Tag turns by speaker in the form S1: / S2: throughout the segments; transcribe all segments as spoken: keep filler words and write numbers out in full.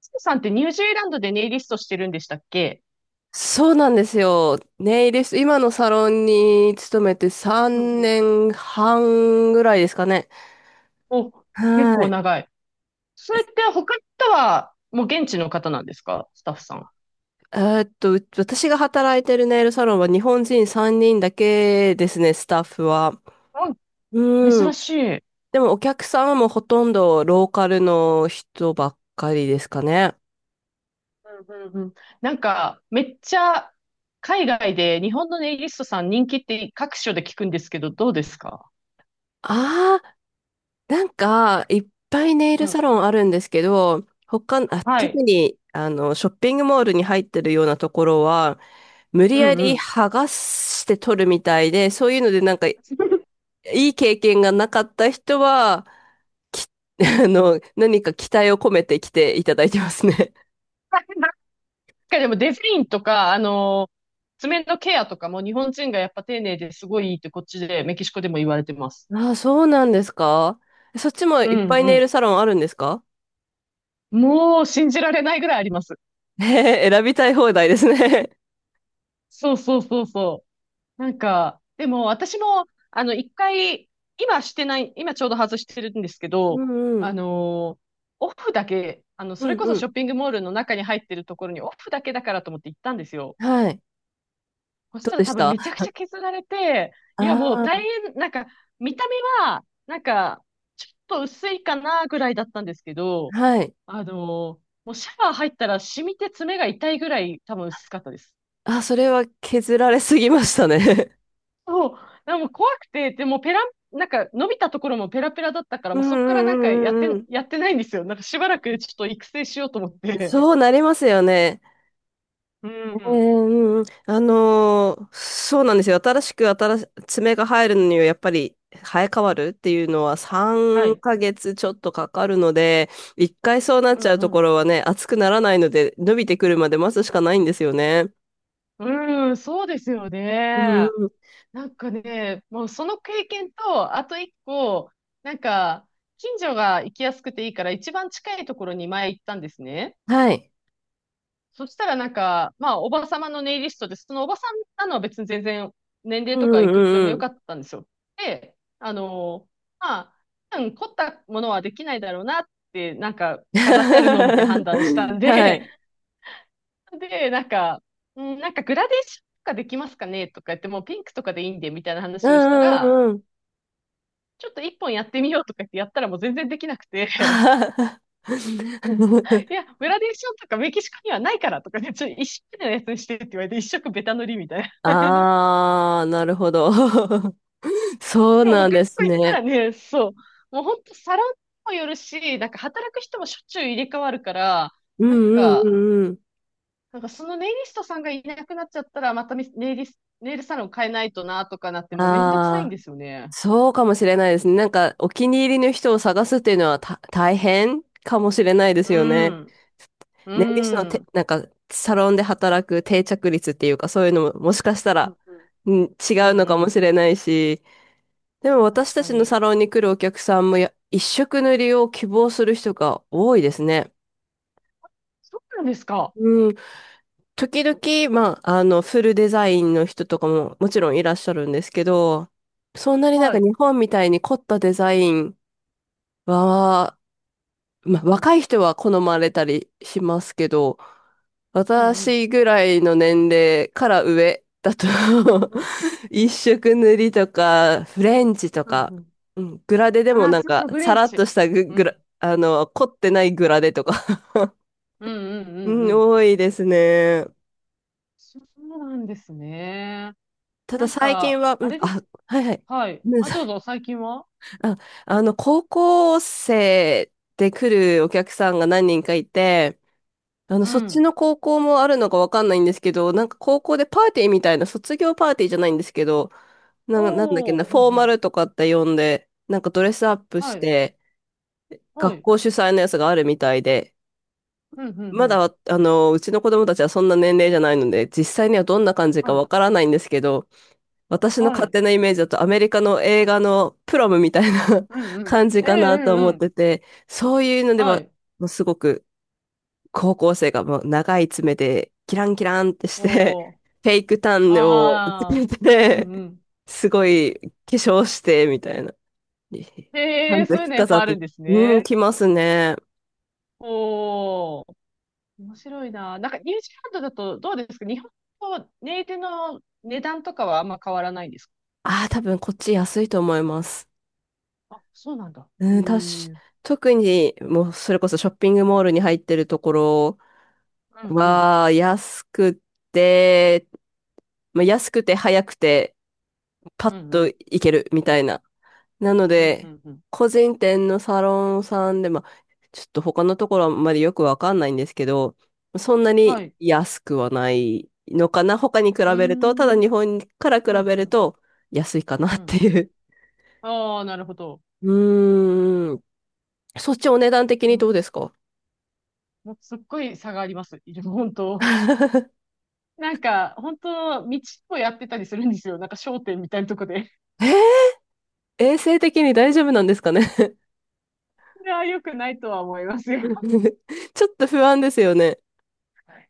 S1: スさんってニュージーランドでネイリストしてるんでしたっけ？
S2: そうなんですよ。ネイリスト、今のサロンに勤めて
S1: うん
S2: 3
S1: うん。
S2: 年半ぐらいですかね。
S1: お、結
S2: は
S1: 構
S2: い。
S1: 長い。それって他の人はもう現地の方なんですか、スタッフさん？
S2: えーっと、う私が働いてるネイルサロンは日本人さんにんだけですね、スタッフは。
S1: うん、
S2: う
S1: 珍
S2: ん。
S1: しい。うん
S2: でもお客さんはもうほとんどローカルの人ばっかりですかね。
S1: うんうん。なんか、めっちゃ海外で日本のネイリストさん人気って各所で聞くんですけど、どうですか？
S2: あなんか、いっぱいネイ
S1: う
S2: ル
S1: ん。
S2: サロンあるんですけど、他、あ、
S1: は
S2: 特
S1: い。
S2: に、あの、ショッピングモールに入ってるようなところは、無理
S1: う
S2: や
S1: んう
S2: り
S1: ん。
S2: 剥がして取るみたいで、そういうのでなんか、い い経験がなかった人は、き、あの、何か期待を込めて来ていただいてますね。
S1: なんかでもデザインとか、あの爪のケアとかも日本人がやっぱ丁寧ですごいいいってこっちで、メキシコでも言われてます。
S2: ああ、そうなんですか？そっちも
S1: う
S2: いっ
S1: ん
S2: ぱい
S1: う
S2: ネイ
S1: ん、
S2: ルサロンあるんですか？
S1: もう信じられないぐらいあります。
S2: ええ 選びたい放題ですね。
S1: そうそうそうそう。なんか、でも私も、あの、一回、今してない、今ちょうど外してるんですけ
S2: う
S1: ど、
S2: んう
S1: あ
S2: ん。
S1: のーオフだけ、あの、
S2: う
S1: それ
S2: ん
S1: こそ
S2: う
S1: シ
S2: ん。
S1: ョッピングモールの中に入ってるところにオフだけだからと思って行ったんですよ。
S2: はい。
S1: そし
S2: どう
S1: たら
S2: でし
S1: 多分
S2: たあ？
S1: めちゃくちゃ削られて、いやもう
S2: あ
S1: 大変、なんか、見た目は、なんか、ちょっと薄いかなぐらいだったんですけど、
S2: ー、はい。
S1: あのーもうシャワー入ったら染みて爪が痛いぐらい多分薄かったです。
S2: あ、それは削られすぎましたね。
S1: そう、でも怖くて、でもペラ、なんか伸びたところもペラペラだったから、
S2: う
S1: も
S2: ん
S1: うそこからなんかやっ
S2: うんうんうんう
S1: て、
S2: ん。
S1: やってないんですよ。なんかしばらくちょっと育成しようと思って。
S2: そうなりますよね。
S1: う
S2: ええう
S1: ん。
S2: んうん。あのーそうなんですよ。新しく新し、爪が入るのにはやっぱり生え変わるっていうのは
S1: は
S2: 3
S1: い。
S2: ヶ月ちょっとかかるので、一回そうなっ
S1: う
S2: ちゃ
S1: ん
S2: う
S1: う
S2: とこ
S1: ん。
S2: ろはね、熱くならないので、伸びてくるまで待つしかないんですよね。
S1: うん、うんそうですよ
S2: う
S1: ね。
S2: んうん。
S1: なんかね、もうその経験と、あと一個、なんか、近所が行きやすくていいから、一番近いところに前行ったんですね。
S2: はい。
S1: そしたらなんか、まあ、おばさまのネイリストで、そのおばさんなのは別に全然年齢
S2: う
S1: とか
S2: ん
S1: い
S2: う
S1: くつでも
S2: んう
S1: よか
S2: ん。
S1: ったんですよ。で、あのーまあ、多分凝ったものはできないだろうなって、なんか飾ってあるのを見て判断したん
S2: は
S1: で、
S2: い。
S1: で、なんか、うん、なんかグラデーションとかできますかねとか言って、もうピンクとかでいいんで、みたいな
S2: う
S1: 話をした
S2: んう
S1: ら、
S2: んうん。
S1: ちょっと一本やってみようとか言ってやったらもう全然できなくて、
S2: はい。
S1: い や、グラデーションとかメキシコにはないからとかね、ちょっと一色のやつにしてって言われて、一色ベタ塗りみたいな。
S2: ああ、なるほど。そう
S1: でも
S2: なん
S1: 他の
S2: で
S1: 子
S2: す
S1: 行った
S2: ね。
S1: らね、そう。もう本当サロンにもよるし、なんか働く人もしょっちゅう入れ替わるから、
S2: う
S1: なん
S2: んうんう
S1: か、
S2: んうん。
S1: なんかそのネイリストさんがいなくなっちゃったら、またネイリス、ネイルサロン変えないとなとかなって、もうめんどくさいん
S2: あ
S1: で
S2: あ、
S1: すよね。
S2: そうかもしれないですね。なんか、お気に入りの人を探すっていうのはた大変かもしれないですよ
S1: う
S2: ね。
S1: ん。
S2: ネイリストの
S1: う
S2: て、
S1: ん。
S2: なんか、サロンで働く定着率っていうか、そういうのももしかした
S1: う
S2: ら、
S1: んうん。
S2: うん、違
S1: う
S2: う
S1: ん
S2: の
S1: う
S2: かも
S1: ん。
S2: しれないし、でも私
S1: 確
S2: た
S1: か
S2: ちの
S1: に。
S2: サロンに来るお客さんもや、一色塗りを希望する人が多いですね。
S1: そうなんですか？
S2: うん。時々、まあ、あの、フルデザインの人とかももちろんいらっしゃるんですけど、そんなになん
S1: は
S2: か
S1: い。
S2: 日本みたいに凝ったデザインは、
S1: う
S2: まあ、
S1: んうん。
S2: 若い人は好まれたりしますけど、
S1: うんうん。
S2: 私ぐらいの年齢から上だと
S1: うん。
S2: 一色塗りとか、フレンチと
S1: うん
S2: か、
S1: うん。
S2: うん、グラデでも
S1: ああ、
S2: なん
S1: そうそ
S2: か、
S1: う、フレ
S2: さ
S1: ン
S2: らっ
S1: チ。
S2: としたグ、
S1: う
S2: グラ、
S1: ん。
S2: あの、凝ってないグラデとか、
S1: うんうんう
S2: う
S1: ん
S2: ん、
S1: うん。
S2: 多いですね。
S1: そうなんですね。
S2: ただ
S1: なん
S2: 最近
S1: か、
S2: は、う
S1: あ
S2: ん、
S1: れで
S2: あ、
S1: す。
S2: はいはい。
S1: はい。あ、どうぞ、最近は。
S2: あ、あの、高校生で来るお客さんが何人かいて、あの、
S1: う
S2: そっち
S1: ん。
S2: の高校もあるのかわかんないんですけど、なんか高校でパーティーみたいな、卒業パーティーじゃないんですけど、な、なんだっけな、
S1: おー、
S2: フ
S1: ふん
S2: ォー
S1: ふ
S2: マ
S1: ん。
S2: ルとかって呼んで、なんかドレスアップし
S1: はい。
S2: て、
S1: は
S2: 学
S1: い。
S2: 校主催のやつがあるみたいで、
S1: ふんふんふ
S2: ま
S1: ん。
S2: だ、あの、うちの子供たちはそんな年齢じゃないので、実際にはどんな感じ
S1: は
S2: かわ
S1: い。
S2: からないんですけど、私の
S1: は
S2: 勝
S1: い。
S2: 手なイメージだとアメリカの映画のプロムみたいな
S1: うん うん。
S2: 感じ
S1: え
S2: か
S1: え、
S2: な
S1: う
S2: と思
S1: ん
S2: っ
S1: うん。
S2: てて、そういうので
S1: は
S2: は、
S1: い。
S2: もうすごく高校生がもう長い爪でキランキランってして、
S1: おー。
S2: フェイクタンをつ
S1: あー。
S2: け
S1: うん
S2: て、
S1: うん。
S2: すごい化粧してみたいな。
S1: へ
S2: 半
S1: え、そういう
S2: 月
S1: のやっ
S2: 飾
S1: ぱ
S2: っ
S1: ある
S2: て、
S1: んです
S2: うん、
S1: ね。
S2: 来ますね。
S1: おー。面白いな。なんか、ニュージーランドだとどうですか？日本とネイテの値段とかはあんま変わらないんですか？
S2: ああ、多分こっち安いと思います。
S1: あ、そうなんだ。へえ。
S2: う
S1: う
S2: ん、たし
S1: ん
S2: 特に、もうそれこそショッピングモールに入ってるところ
S1: うん。
S2: は、安くて、まあ、安くて早くて、パ
S1: う
S2: ッ
S1: んう
S2: と
S1: ん。
S2: 行けるみたいな。な
S1: うん
S2: の
S1: うんう
S2: で、
S1: んうん。
S2: 個人店のサロンさんで、まあ、ちょっと他のところあんまりよくわかんないんですけど、そんな
S1: は
S2: に
S1: い。
S2: 安くはないのかな。他に比
S1: うー
S2: べると、ただ
S1: ん。う
S2: 日
S1: ん、
S2: 本から比
S1: うん、
S2: べ
S1: う
S2: る
S1: ん、
S2: と安いかなっ
S1: うん。
S2: ていう。
S1: ああ、なるほど。
S2: うーん。そっちお値段的
S1: う
S2: に
S1: ん、
S2: どうですか？
S1: もうすっごい差があります。いる本当。なんか、本当、道をやってたりするんですよ。なんか商店みたいなとこで。
S2: 衛生的に大丈夫なんですかね？
S1: いや、良くないとは思います よ。
S2: ちょっと不安ですよね。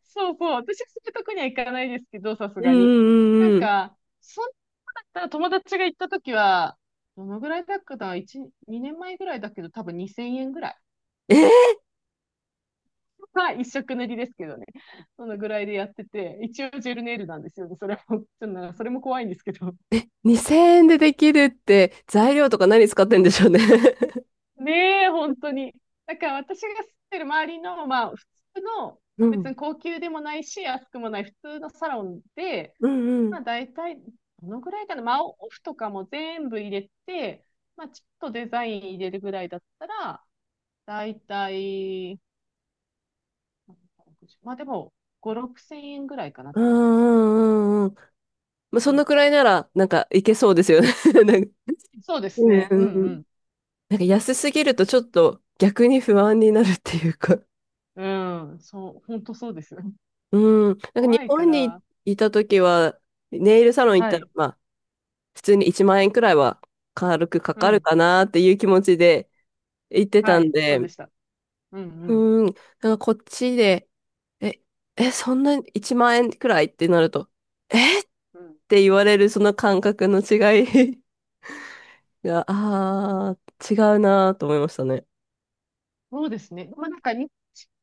S1: そうそう。私はそういうとこには行かないですけど、さす
S2: うん
S1: が
S2: う
S1: に。なん
S2: んうんうん。
S1: か、そんなだったら友達が行ったときは、どのぐらいだっけな？ いち、にねんまえぐらいだけど、多分にせんえんぐらい。
S2: えー、
S1: は一色塗りですけどね。そのぐらいでやってて、一応ジェルネイルなんですよね。それも、ちょっとなんかそれも怖いんですけど。
S2: にせんえんでできるって材料とか何使ってんでしょうね？
S1: ねえ、本当に。だから私が住んでる周りの、まあ、普通の、
S2: う
S1: 別
S2: ん。
S1: に高級でもないし、安くもない普通のサロンで、
S2: うんうん。
S1: まあ、大体、どのぐらいかな、まあ、オフとかも全部入れて、まあ、ちょっとデザイン入れるぐらいだったら、大体、まあでも、ご、ろくせん円ぐらいかなっ
S2: う
S1: て感じですかね。
S2: んうんうんうん。まあ、そ
S1: うんう
S2: の
S1: ん、
S2: くらいなら、なんかいけそうですよね。 なんか、
S1: そうです
S2: うん
S1: ね。
S2: う
S1: うん
S2: んう
S1: う
S2: ん。
S1: ん
S2: なんか安すぎるとちょっと逆に不安になるっていうか。
S1: うん、そう、本当そうです。
S2: うん。なんか
S1: 怖
S2: 日
S1: いか
S2: 本に
S1: ら、
S2: いた時は、ネイルサロン行っ
S1: は
S2: たら、
S1: い、
S2: まあ、普通にいちまん円くらいは軽くか
S1: う
S2: かる
S1: ん、
S2: かなっていう気持ちで行ってた
S1: は
S2: ん
S1: い、そ
S2: で、
S1: うでした。うん、うん、
S2: うーん。なんかこっちで、え、え、そんないちまん円くらいってなると、えっ
S1: うん。
S2: て言われるその感覚の違い が、あー、違うなーと思いましたね。
S1: そうですね。まあ、なんか、に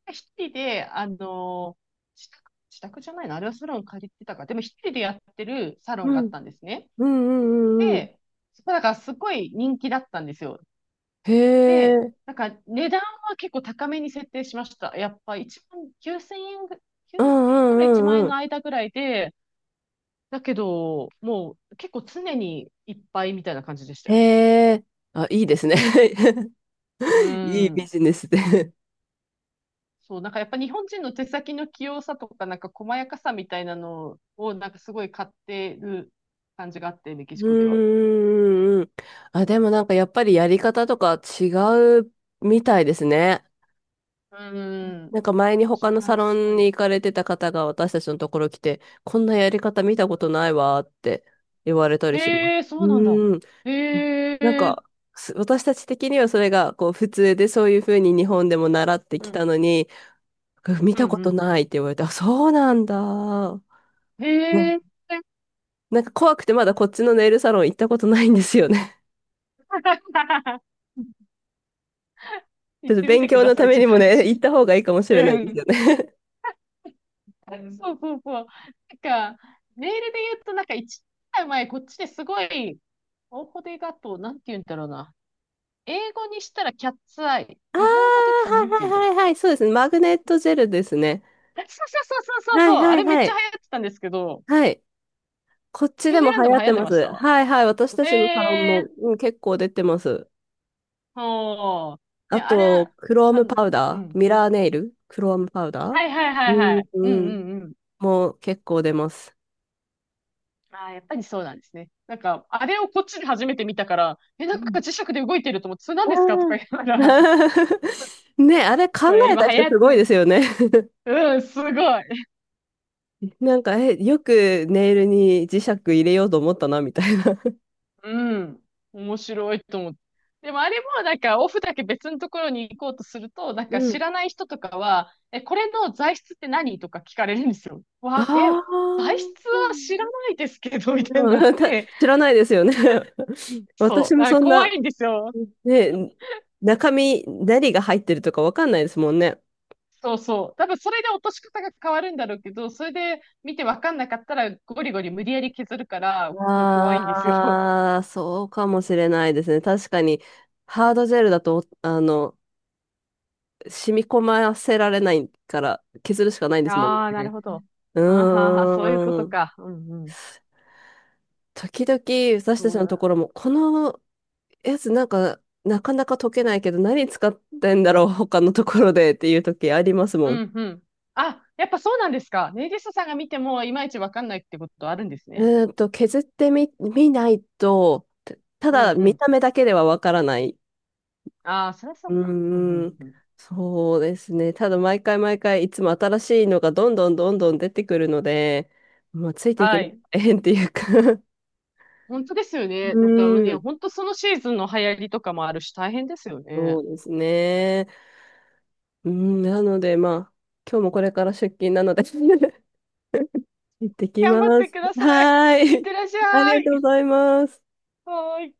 S1: 一人で、あの自宅、自宅じゃないのあれはサロン借りてたか。でも一人でやってるサロ
S2: う
S1: ンがあっ
S2: ん。
S1: たんですね。
S2: うんうんうんうん。
S1: で、そこだからすごい人気だったんですよ。
S2: へ
S1: で、
S2: え。
S1: なんか値段は結構高めに設定しました。やっぱ1万9 0円ぐ、
S2: うん
S1: きゅうせんえんから
S2: うん
S1: いちまん
S2: うん
S1: 円
S2: うん。
S1: の間ぐらいで、だけど、もう結構常にいっぱいみたいな感じでした
S2: へ
S1: よ。
S2: え。あ、いいですね。
S1: う
S2: いいビ
S1: ん。
S2: ジネスで。
S1: そう、なんかやっぱ日本人の手先の器用さとか、なんか細やかさみたいなのを、なんかすごい買ってる感じがあって、メキ
S2: うん
S1: シコでは。
S2: うんうんうん。あ、でもなんかやっぱりやり方とか違うみたいですね。
S1: うん。
S2: なんか前に
S1: 違
S2: 他のサ
S1: い
S2: ロン
S1: そ
S2: に行かれてた方が私たちのところ来て、こんなやり方見
S1: う。う
S2: たこ
S1: ん、
S2: とないわーって言われたりします。
S1: へえ、
S2: う
S1: そうなんだ。
S2: ーん。
S1: へ
S2: ななん
S1: え、
S2: か、す私たち的にはそれがこう普通でそういうふうに日本でも習って
S1: う
S2: き
S1: ん、
S2: たのに、見
S1: う
S2: たこと
S1: ん、
S2: ないって言われて、あ、そうなんだー。
S1: うん。
S2: ね
S1: へえ。
S2: なんか怖くてまだこっちのネイルサロン行ったことないんですよね。ちょ
S1: 行
S2: っ
S1: っ
S2: と
S1: てみ
S2: 勉
S1: てく
S2: 強
S1: だ
S2: の
S1: さ
S2: た
S1: い、
S2: め
S1: ちょ
S2: に
S1: っと。
S2: もね、行った方がいいかもしれな
S1: う
S2: いです
S1: ん。
S2: よね。
S1: そうそうそう。なんか、メールで言うと、なんか一年前、こっちですごい、大ーデがと、なんて言うんだろうな。英語にしたらキャッツアイ。
S2: ああ、
S1: 日本語で言ったらなんて
S2: は
S1: 言う
S2: い
S1: んだ
S2: は
S1: ろ
S2: い
S1: う。
S2: はいはい、そうですね。マグネットジェルですね。
S1: そうそうそうそうそう
S2: は
S1: そう。
S2: いは
S1: あ
S2: い
S1: れめっ
S2: は
S1: ちゃ流
S2: い。
S1: 行ってたんですけど、
S2: はい。こっち
S1: ニュ
S2: で
S1: ージー
S2: も
S1: ラ
S2: 流
S1: ンド
S2: 行
S1: も
S2: っ
S1: 流
S2: て
S1: 行って
S2: ま
S1: まし
S2: す。
S1: た。
S2: はいはい。私た
S1: え
S2: ちのサロン
S1: え
S2: も、
S1: ー、
S2: うん、結構出てます。
S1: ほう。
S2: あ
S1: ね、あれ、
S2: と、クロー
S1: あ
S2: ムパウ
S1: の、う
S2: ダー、
S1: ん。
S2: ミラーネイル、クロームパウダー、
S1: はいはい
S2: う
S1: はいは
S2: ん、
S1: い。うん
S2: うん、
S1: うんうん。
S2: もう結構出ます。
S1: ああ、やっぱりそうなんですね。なんか、あれをこっちで初めて見たから、え、
S2: う
S1: なんか
S2: ん。
S1: 磁石で動いてると思って、それ何
S2: あ
S1: ですかとか
S2: ー
S1: 言いながら。
S2: ねあれ考
S1: これ
S2: え
S1: 今
S2: た
S1: 流
S2: 人
S1: 行
S2: す
S1: って
S2: ごいで
S1: る。
S2: すよね。
S1: うん、すごい。
S2: なんか、え、よくネイルに磁石入れようと思ったな、みたいな。
S1: うん。面白いと思って。でもあれもなんかオフだけ別のところに行こうとすると、なんか
S2: う
S1: 知
S2: ん。
S1: ら ない人とかは、え、これの材質って何とか聞かれるんですよ。
S2: あ
S1: わ、え、材
S2: あ。
S1: 質は知らないですけど、みたいになっ
S2: うん た
S1: て、
S2: 知らないですよね。私
S1: そう、
S2: も
S1: あ、
S2: そん
S1: 怖
S2: な、
S1: いんですよ。
S2: ね、中身、何が入ってるとかわかんないですもんね。
S1: そうそう。多分それで落とし方が変わるんだろうけど、それで見てわかんなかったらゴリゴリ無理やり削るから、もう怖いんですよ。
S2: ああ、そうかもしれないですね。確かに、ハードジェルだと、あの、染み込ませられないから、削るしかないんですもん
S1: ああ、なる
S2: ね。
S1: ほど。
S2: う
S1: あーはーはー、そういうこ
S2: ー
S1: と
S2: ん。
S1: か。うんうん。
S2: 時々、私た
S1: そ
S2: ち
S1: う
S2: のとこ
S1: だ。
S2: ろも、このやつなんか、なかなか溶けないけど、何使ってんだろう、他のところでっていう時あります
S1: う
S2: もん。
S1: んうん。あ、やっぱそうなんですか？ネイリストさんが見てもいまいちわかんないってことあるんですね。
S2: うーんと、削ってみ、見ないと、たた
S1: うん
S2: だ
S1: う
S2: 見
S1: ん。
S2: た目だけではわからない。
S1: ああ、そりゃそ
S2: う
S1: うか。うんう
S2: ー
S1: ん
S2: ん、
S1: うん。
S2: そうですね。ただ毎回毎回いつも新しいのがどんどんどんどん出てくるので、まあ、ついていく
S1: は
S2: のが
S1: い。
S2: 大変っていうか。
S1: 本当ですよ
S2: う
S1: ね。なんか
S2: ー
S1: ね、
S2: ん、
S1: 本当そのシーズンの流行りとかもあるし大変ですよね。
S2: そうですね。うーん、なのでまあ、今日もこれから出勤なので 行ってき
S1: 頑
S2: ま
S1: 張って
S2: す。
S1: ください。
S2: はー
S1: いって
S2: い。
S1: らっし
S2: あり
S1: ゃ
S2: がと
S1: い。
S2: うございます。
S1: はーい。